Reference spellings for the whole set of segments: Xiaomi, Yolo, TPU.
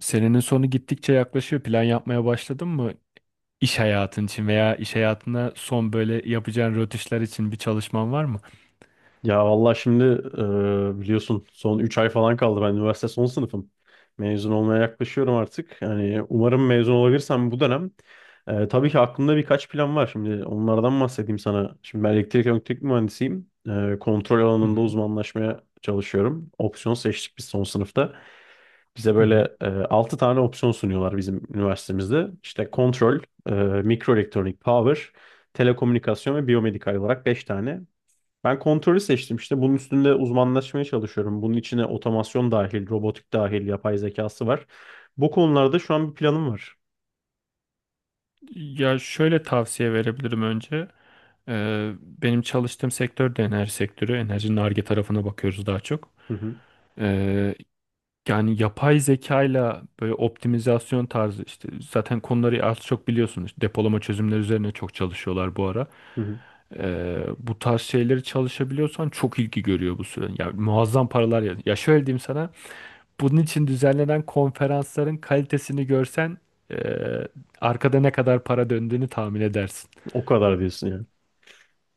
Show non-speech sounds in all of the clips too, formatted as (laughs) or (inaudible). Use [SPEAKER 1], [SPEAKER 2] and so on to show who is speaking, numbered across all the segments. [SPEAKER 1] Senenin sonu gittikçe yaklaşıyor. Plan yapmaya başladın mı? İş hayatın için veya iş hayatına son böyle yapacağın rötuşlar için bir çalışman var mı?
[SPEAKER 2] Ya vallahi şimdi biliyorsun son 3 ay falan kaldı. Ben üniversite son sınıfım. Mezun olmaya yaklaşıyorum artık. Yani umarım mezun olabilirsem bu dönem. Tabii ki aklımda birkaç plan var. Şimdi onlardan bahsedeyim sana. Şimdi ben elektrik mühendisiyim. Kontrol
[SPEAKER 1] Hı
[SPEAKER 2] alanında
[SPEAKER 1] hı.
[SPEAKER 2] uzmanlaşmaya çalışıyorum. Opsiyon seçtik biz son sınıfta. Bize
[SPEAKER 1] Hı hı.
[SPEAKER 2] böyle 6 tane opsiyon sunuyorlar bizim üniversitemizde. İşte kontrol, e, mikroelektronik, power, telekomünikasyon ve biyomedikal olarak 5 tane. Ben kontrolü seçtim işte. Bunun üstünde uzmanlaşmaya çalışıyorum. Bunun içine otomasyon dahil, robotik dahil, yapay zekası var. Bu konularda şu an bir planım var.
[SPEAKER 1] Ya şöyle tavsiye verebilirim önce. Benim çalıştığım sektör de enerji sektörü. Enerjinin Ar-Ge tarafına bakıyoruz daha çok.
[SPEAKER 2] Hı hı,
[SPEAKER 1] Ee, yani yapay zekayla böyle optimizasyon tarzı işte zaten konuları az çok biliyorsunuz. Depolama çözümleri üzerine çok çalışıyorlar bu ara.
[SPEAKER 2] hı hı.
[SPEAKER 1] Bu tarz şeyleri çalışabiliyorsan çok ilgi görüyor bu süre. Ya muazzam paralar ya. Ya şöyle diyeyim sana. Bunun için düzenlenen konferansların kalitesini görsen ee, arkada ne kadar para döndüğünü tahmin edersin.
[SPEAKER 2] O kadar diyorsun yani.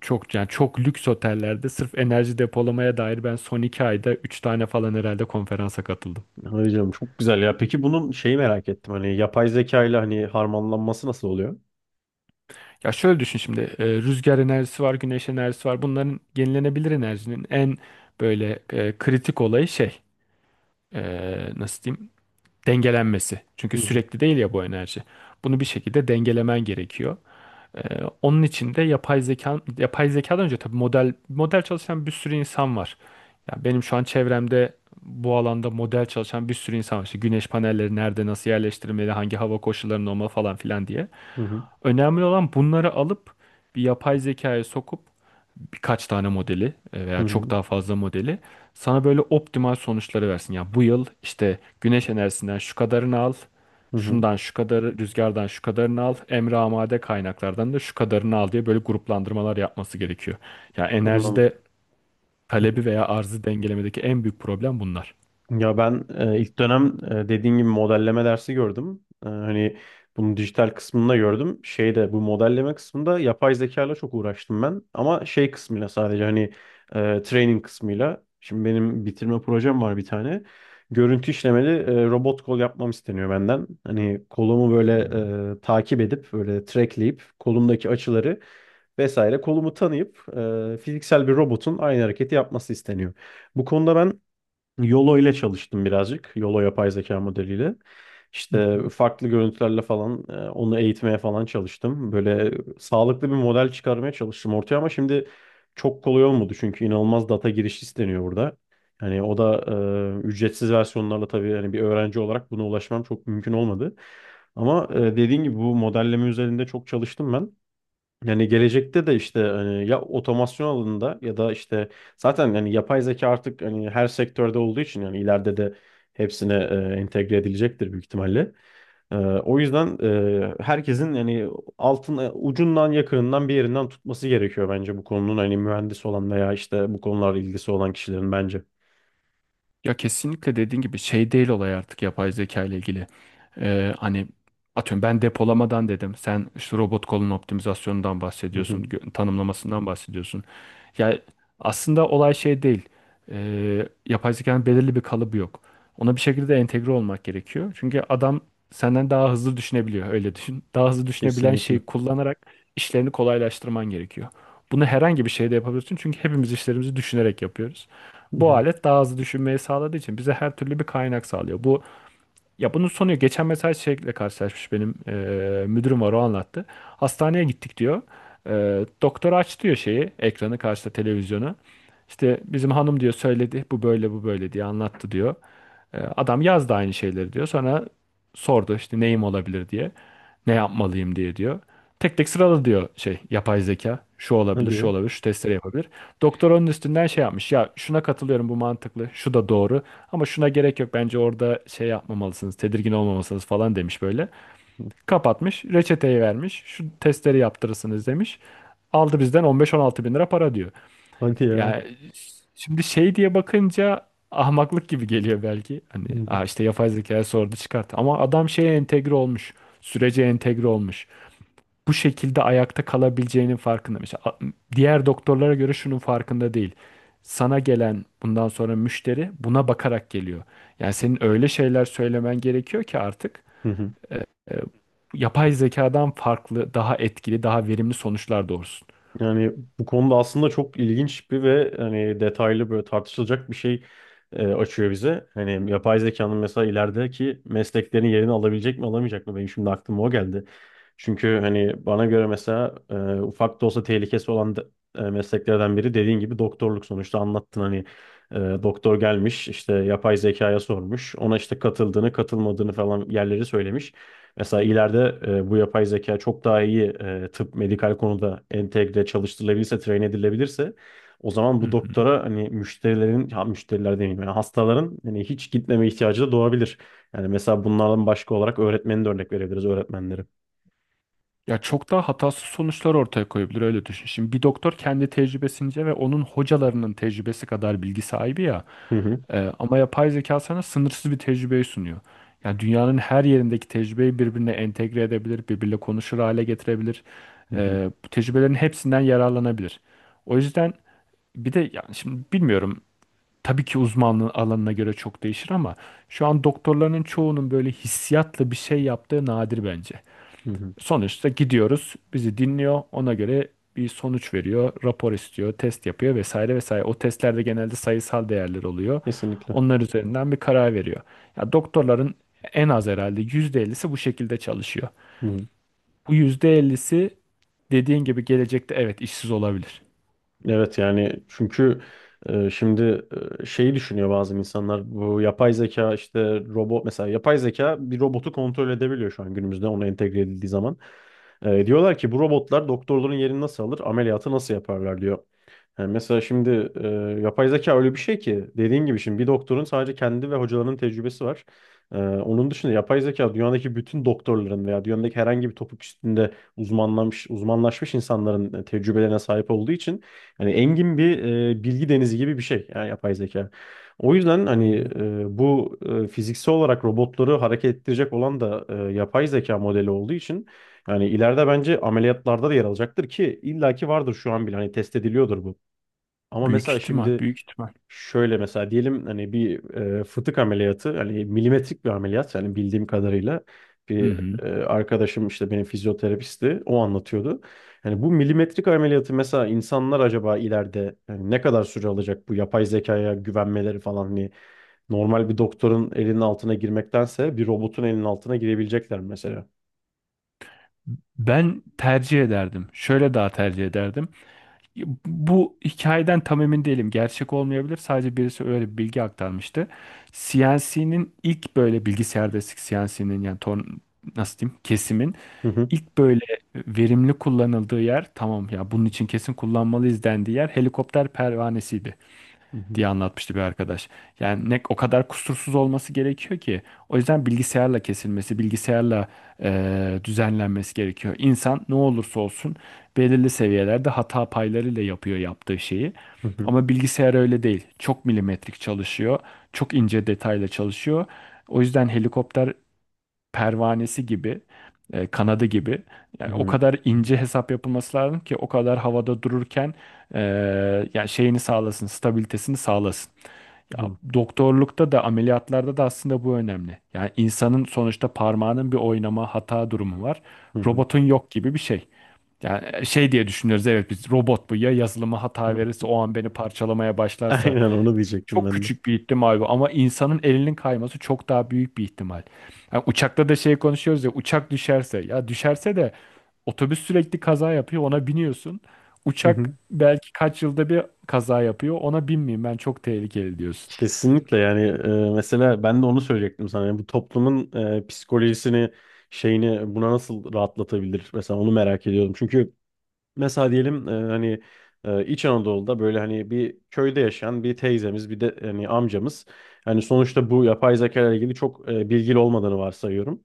[SPEAKER 1] Çok yani çok lüks otellerde sırf enerji depolamaya dair ben son 2 ayda 3 tane falan herhalde konferansa katıldım.
[SPEAKER 2] Hayır canım çok güzel ya. Peki bunun şeyi merak ettim. Hani yapay zeka ile hani harmanlanması nasıl oluyor?
[SPEAKER 1] Ya şöyle düşün şimdi, rüzgar enerjisi var, güneş enerjisi var. Bunların, yenilenebilir enerjinin en böyle kritik olayı, şey, e, nasıl diyeyim, dengelenmesi. Çünkü
[SPEAKER 2] Hı hı,
[SPEAKER 1] sürekli değil ya bu enerji. Bunu bir şekilde dengelemen gerekiyor. Onun için de yapay zeka, yapay zekadan önce tabii model model çalışan bir sürü insan var. Yani benim şu an çevremde bu alanda model çalışan bir sürü insan var. İşte güneş panelleri nerede, nasıl yerleştirilmeli, hangi hava koşullarında olmalı falan filan diye.
[SPEAKER 2] hı hı,
[SPEAKER 1] Önemli olan bunları alıp bir yapay zekaya sokup birkaç tane modeli,
[SPEAKER 2] hı
[SPEAKER 1] veya çok
[SPEAKER 2] hı,
[SPEAKER 1] daha fazla modeli sana böyle optimal sonuçları versin. Ya bu yıl işte güneş enerjisinden şu kadarını al,
[SPEAKER 2] hı hı.
[SPEAKER 1] şundan şu kadarı, rüzgardan şu kadarını al, emre amade kaynaklardan da şu kadarını al diye böyle gruplandırmalar yapması gerekiyor. Ya
[SPEAKER 2] Anladım.
[SPEAKER 1] enerjide talebi veya arzı dengelemedeki en büyük problem bunlar.
[SPEAKER 2] Ya ben ilk dönem dediğin gibi modelleme dersi gördüm. Hani bunun dijital kısmında gördüm. Şeyde bu modelleme kısmında yapay zeka ile çok uğraştım ben. Ama şey kısmıyla sadece hani training kısmıyla. Şimdi benim bitirme projem var bir tane. Görüntü işlemeli robot kol yapmam isteniyor benden. Hani kolumu böyle
[SPEAKER 1] Hmm.
[SPEAKER 2] takip edip böyle trackleyip kolumdaki açıları vesaire kolumu tanıyıp fiziksel bir robotun aynı hareketi yapması isteniyor. Bu konuda ben Yolo ile çalıştım birazcık. Yolo yapay zeka modeliyle.
[SPEAKER 1] Hı
[SPEAKER 2] İşte
[SPEAKER 1] hı.
[SPEAKER 2] farklı görüntülerle falan onu eğitmeye falan çalıştım. Böyle sağlıklı bir model çıkarmaya çalıştım ortaya ama şimdi çok kolay olmadı çünkü inanılmaz data girişi isteniyor burada. Hani o da ücretsiz versiyonlarla tabii hani bir öğrenci olarak buna ulaşmam çok mümkün olmadı. Ama dediğin gibi bu modelleme üzerinde çok çalıştım ben. Yani gelecekte de işte hani ya otomasyon alanında ya da işte zaten yani yapay zeka artık hani her sektörde olduğu için yani ileride de hepsine entegre edilecektir büyük ihtimalle. O yüzden herkesin yani altın ucundan yakınından bir yerinden tutması gerekiyor bence bu konunun hani mühendis olan veya işte bu konularla ilgisi olan kişilerin bence.
[SPEAKER 1] Ya kesinlikle dediğin gibi şey değil olay artık, yapay zeka ile ilgili. Hani atıyorum ben depolamadan dedim. Sen işte robot kolun optimizasyonundan
[SPEAKER 2] Hı hı.
[SPEAKER 1] bahsediyorsun, tanımlamasından bahsediyorsun. Ya aslında olay şey değil. Yapay zekanın belirli bir kalıbı yok. Ona bir şekilde entegre olmak gerekiyor. Çünkü adam senden daha hızlı düşünebiliyor. Öyle düşün. (laughs) Daha hızlı düşünebilen
[SPEAKER 2] Kesinlikle.
[SPEAKER 1] şeyi kullanarak işlerini kolaylaştırman gerekiyor. Bunu herhangi bir şeyde yapabilirsin. Çünkü hepimiz işlerimizi düşünerek yapıyoruz.
[SPEAKER 2] Hı
[SPEAKER 1] Bu
[SPEAKER 2] hı.
[SPEAKER 1] alet daha hızlı düşünmeyi sağladığı için bize her türlü bir kaynak sağlıyor. Bu, ya bunun sonu, geçen mesela şeyle karşılaşmış benim müdürüm var, o anlattı. Hastaneye gittik diyor. Doktor aç diyor şeyi, ekranı karşıda, televizyonu. İşte bizim hanım diyor söyledi, bu böyle bu böyle diye anlattı diyor. Adam yazdı aynı şeyleri diyor. Sonra sordu işte neyim olabilir diye. Ne yapmalıyım diye diyor. Tek tek sırala diyor şey, yapay zeka. Şu olabilir,
[SPEAKER 2] Hadi
[SPEAKER 1] şu
[SPEAKER 2] ya.
[SPEAKER 1] olabilir, şu testleri yapabilir. Doktor onun üstünden şey yapmış. Ya şuna katılıyorum, bu mantıklı, şu da doğru. Ama şuna gerek yok, bence orada şey yapmamalısınız, tedirgin olmamalısınız falan demiş böyle.
[SPEAKER 2] Hı.
[SPEAKER 1] Kapatmış, reçeteyi vermiş. Şu testleri yaptırırsınız demiş. Aldı bizden 15-16 bin lira para diyor.
[SPEAKER 2] Hadi ya.
[SPEAKER 1] Yani şimdi şey diye bakınca ahmaklık gibi geliyor belki. Hani,
[SPEAKER 2] Hı hı.
[SPEAKER 1] "Aa, işte yapay zekaya sordu, çıkart." Ama adam şeye entegre olmuş. Sürece entegre olmuş, bu şekilde ayakta kalabileceğinin farkında. Mesela diğer doktorlara göre şunun farkında değil. Sana gelen bundan sonra müşteri buna bakarak geliyor. Yani senin öyle şeyler söylemen gerekiyor ki artık
[SPEAKER 2] Hı hı.
[SPEAKER 1] e, yapay zekadan farklı, daha etkili, daha verimli sonuçlar doğursun.
[SPEAKER 2] Yani bu konuda aslında çok ilginç bir ve hani detaylı böyle tartışılacak bir şey açıyor bize. Hani yapay zekanın mesela ilerideki mesleklerin yerini alabilecek mi alamayacak mı? Benim şimdi aklıma o geldi. Çünkü hani bana göre mesela ufak da olsa tehlikesi olan mesleklerden biri dediğin gibi doktorluk sonuçta anlattın hani e, doktor gelmiş işte yapay zekaya sormuş ona işte katıldığını katılmadığını falan yerleri söylemiş. Mesela ileride bu yapay zeka çok daha iyi tıp medikal konuda entegre çalıştırılabilirse train edilebilirse o zaman
[SPEAKER 1] Hı
[SPEAKER 2] bu
[SPEAKER 1] hı.
[SPEAKER 2] doktora hani müşterilerin ha, müşteriler demeyeyim yani hastaların hani hiç gitmeme ihtiyacı da doğabilir. Yani mesela bunlardan başka olarak öğretmeni de örnek verebiliriz öğretmenleri.
[SPEAKER 1] Ya çok daha hatasız sonuçlar ortaya koyabilir, öyle düşün. Şimdi bir doktor kendi tecrübesince ve onun hocalarının tecrübesi kadar bilgi sahibi ya.
[SPEAKER 2] (laughs)
[SPEAKER 1] Ama yapay zeka sana sınırsız bir tecrübeyi sunuyor. Yani dünyanın her yerindeki tecrübeyi birbirine entegre edebilir, birbirle konuşur hale getirebilir.
[SPEAKER 2] Hı hı,
[SPEAKER 1] Bu tecrübelerin hepsinden yararlanabilir. O yüzden, bir de yani şimdi bilmiyorum, tabii ki uzmanlığın alanına göre çok değişir ama şu an doktorların çoğunun böyle hissiyatla bir şey yaptığı nadir bence.
[SPEAKER 2] hı hı.
[SPEAKER 1] Sonuçta gidiyoruz. Bizi dinliyor. Ona göre bir sonuç veriyor. Rapor istiyor. Test yapıyor vesaire vesaire. O testlerde genelde sayısal değerler oluyor.
[SPEAKER 2] Kesinlikle.
[SPEAKER 1] Onlar üzerinden bir karar veriyor. Ya doktorların en az herhalde %50'si bu şekilde çalışıyor.
[SPEAKER 2] Hı hı.
[SPEAKER 1] Bu %50'si dediğin gibi gelecekte evet işsiz olabilir.
[SPEAKER 2] Evet yani çünkü şimdi şeyi düşünüyor bazı insanlar bu yapay zeka işte robot mesela yapay zeka bir robotu kontrol edebiliyor şu an günümüzde ona entegre edildiği zaman. Diyorlar ki bu robotlar doktorların yerini nasıl alır ameliyatı nasıl yaparlar diyor. Yani mesela şimdi yapay zeka öyle bir şey ki dediğin gibi şimdi bir doktorun sadece kendi ve hocalarının tecrübesi var. Onun dışında yapay zeka dünyadaki bütün doktorların veya dünyadaki herhangi bir topuk üstünde uzmanlaşmış insanların tecrübelerine sahip olduğu için yani engin bir bilgi denizi gibi bir şey yani yapay zeka. O yüzden hani
[SPEAKER 1] Aynen öyle.
[SPEAKER 2] bu fiziksel olarak robotları hareket ettirecek olan da yapay zeka modeli olduğu için yani ileride bence ameliyatlarda da yer alacaktır ki illaki vardır şu an bile hani test ediliyordur bu. Ama
[SPEAKER 1] Büyük
[SPEAKER 2] mesela
[SPEAKER 1] ihtimal,
[SPEAKER 2] şimdi
[SPEAKER 1] büyük ihtimal.
[SPEAKER 2] şöyle mesela diyelim hani bir fıtık ameliyatı hani milimetrik bir ameliyat yani bildiğim kadarıyla
[SPEAKER 1] Hı
[SPEAKER 2] bir
[SPEAKER 1] hı.
[SPEAKER 2] arkadaşım işte benim fizyoterapisti o anlatıyordu. Yani bu milimetrik ameliyatı mesela insanlar acaba ileride yani ne kadar süre alacak bu yapay zekaya güvenmeleri falan hani normal bir doktorun elinin altına girmektense bir robotun elinin altına girebilecekler mesela.
[SPEAKER 1] Ben tercih ederdim. Şöyle daha tercih ederdim. Bu hikayeden tam emin değilim. Gerçek olmayabilir. Sadece birisi öyle bir bilgi aktarmıştı. CNC'nin ilk böyle, bilgisayar destek CNC'nin yani, ton, nasıl diyeyim, kesimin
[SPEAKER 2] Hı hı.
[SPEAKER 1] ilk böyle verimli kullanıldığı yer, tamam ya bunun için kesin kullanmalıyız dendiği yer helikopter pervanesiydi
[SPEAKER 2] Hı hı.
[SPEAKER 1] diye anlatmıştı bir arkadaş. Yani ne o kadar kusursuz olması gerekiyor ki. O yüzden bilgisayarla kesilmesi, bilgisayarla düzenlenmesi gerekiyor. İnsan ne olursa olsun belirli seviyelerde hata paylarıyla yapıyor yaptığı şeyi.
[SPEAKER 2] Hı hı.
[SPEAKER 1] Ama bilgisayar öyle değil. Çok milimetrik çalışıyor, çok ince detayla çalışıyor. O yüzden helikopter pervanesi gibi, kanadı gibi,
[SPEAKER 2] Hı
[SPEAKER 1] yani o
[SPEAKER 2] hı.
[SPEAKER 1] kadar ince hesap yapılması lazım ki, o kadar havada dururken e, yani şeyini sağlasın, stabilitesini sağlasın. Ya doktorlukta da ameliyatlarda da aslında bu önemli. Yani insanın sonuçta parmağının bir oynama, hata durumu var.
[SPEAKER 2] Hı hı. Hı hı.
[SPEAKER 1] Robotun yok gibi bir şey. Yani şey diye düşünüyoruz, evet biz, robot bu ya, yazılıma hata
[SPEAKER 2] (laughs)
[SPEAKER 1] verirse o an beni parçalamaya başlarsa,
[SPEAKER 2] Aynen onu diyecektim
[SPEAKER 1] çok
[SPEAKER 2] ben de.
[SPEAKER 1] küçük bir ihtimal bu, ama insanın elinin kayması çok daha büyük bir ihtimal. Yani uçakta da şey konuşuyoruz ya, uçak düşerse, ya düşerse de otobüs sürekli kaza yapıyor, ona biniyorsun.
[SPEAKER 2] Hı
[SPEAKER 1] Uçak
[SPEAKER 2] hı.
[SPEAKER 1] belki kaç yılda bir kaza yapıyor, ona binmeyeyim ben, çok tehlikeli diyorsun.
[SPEAKER 2] Kesinlikle yani mesela ben de onu söyleyecektim sana. Yani bu toplumun psikolojisini şeyini buna nasıl rahatlatabilir? Mesela onu merak ediyorum. Çünkü mesela diyelim hani İç Anadolu'da böyle hani bir köyde yaşayan bir teyzemiz bir de hani amcamız hani sonuçta bu yapay zeka ile ilgili çok bilgili olmadığını varsayıyorum.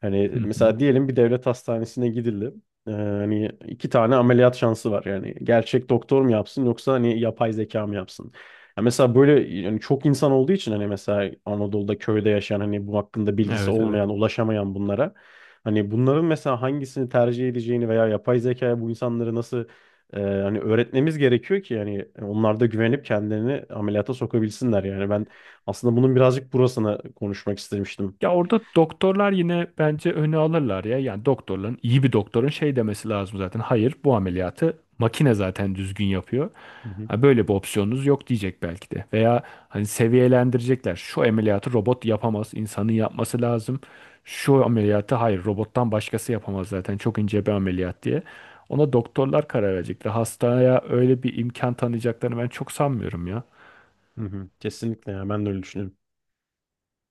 [SPEAKER 2] Hani
[SPEAKER 1] Hı hı.
[SPEAKER 2] mesela diyelim bir devlet hastanesine gidildi. Hani iki tane ameliyat şansı var. Yani gerçek doktor mu yapsın yoksa hani yapay zeka mı yapsın? Ya mesela böyle yani çok insan olduğu için hani mesela Anadolu'da köyde yaşayan hani bu hakkında bilgisi
[SPEAKER 1] Evet evet.
[SPEAKER 2] olmayan, ulaşamayan bunlara hani bunların mesela hangisini tercih edeceğini veya yapay zekaya bu insanları nasıl hani öğretmemiz gerekiyor ki yani onlar da güvenip kendilerini ameliyata sokabilsinler yani ben aslında bunun birazcık burasına konuşmak istemiştim.
[SPEAKER 1] Ya orada doktorlar yine bence öne alırlar ya. Yani doktorların, iyi bir doktorun şey demesi lazım zaten. Hayır, bu ameliyatı makine zaten düzgün yapıyor.
[SPEAKER 2] Hı hı.
[SPEAKER 1] Ha, böyle bir opsiyonunuz yok diyecek belki de. Veya hani seviyelendirecekler. Şu ameliyatı robot yapamaz, insanın yapması lazım. Şu ameliyatı hayır robottan başkası yapamaz zaten, çok ince bir ameliyat diye. Ona doktorlar karar verecekler. Hastaya öyle bir imkan tanıyacaklarını ben çok sanmıyorum ya.
[SPEAKER 2] Hı hı. Kesinlikle ya ben de öyle düşünüyorum.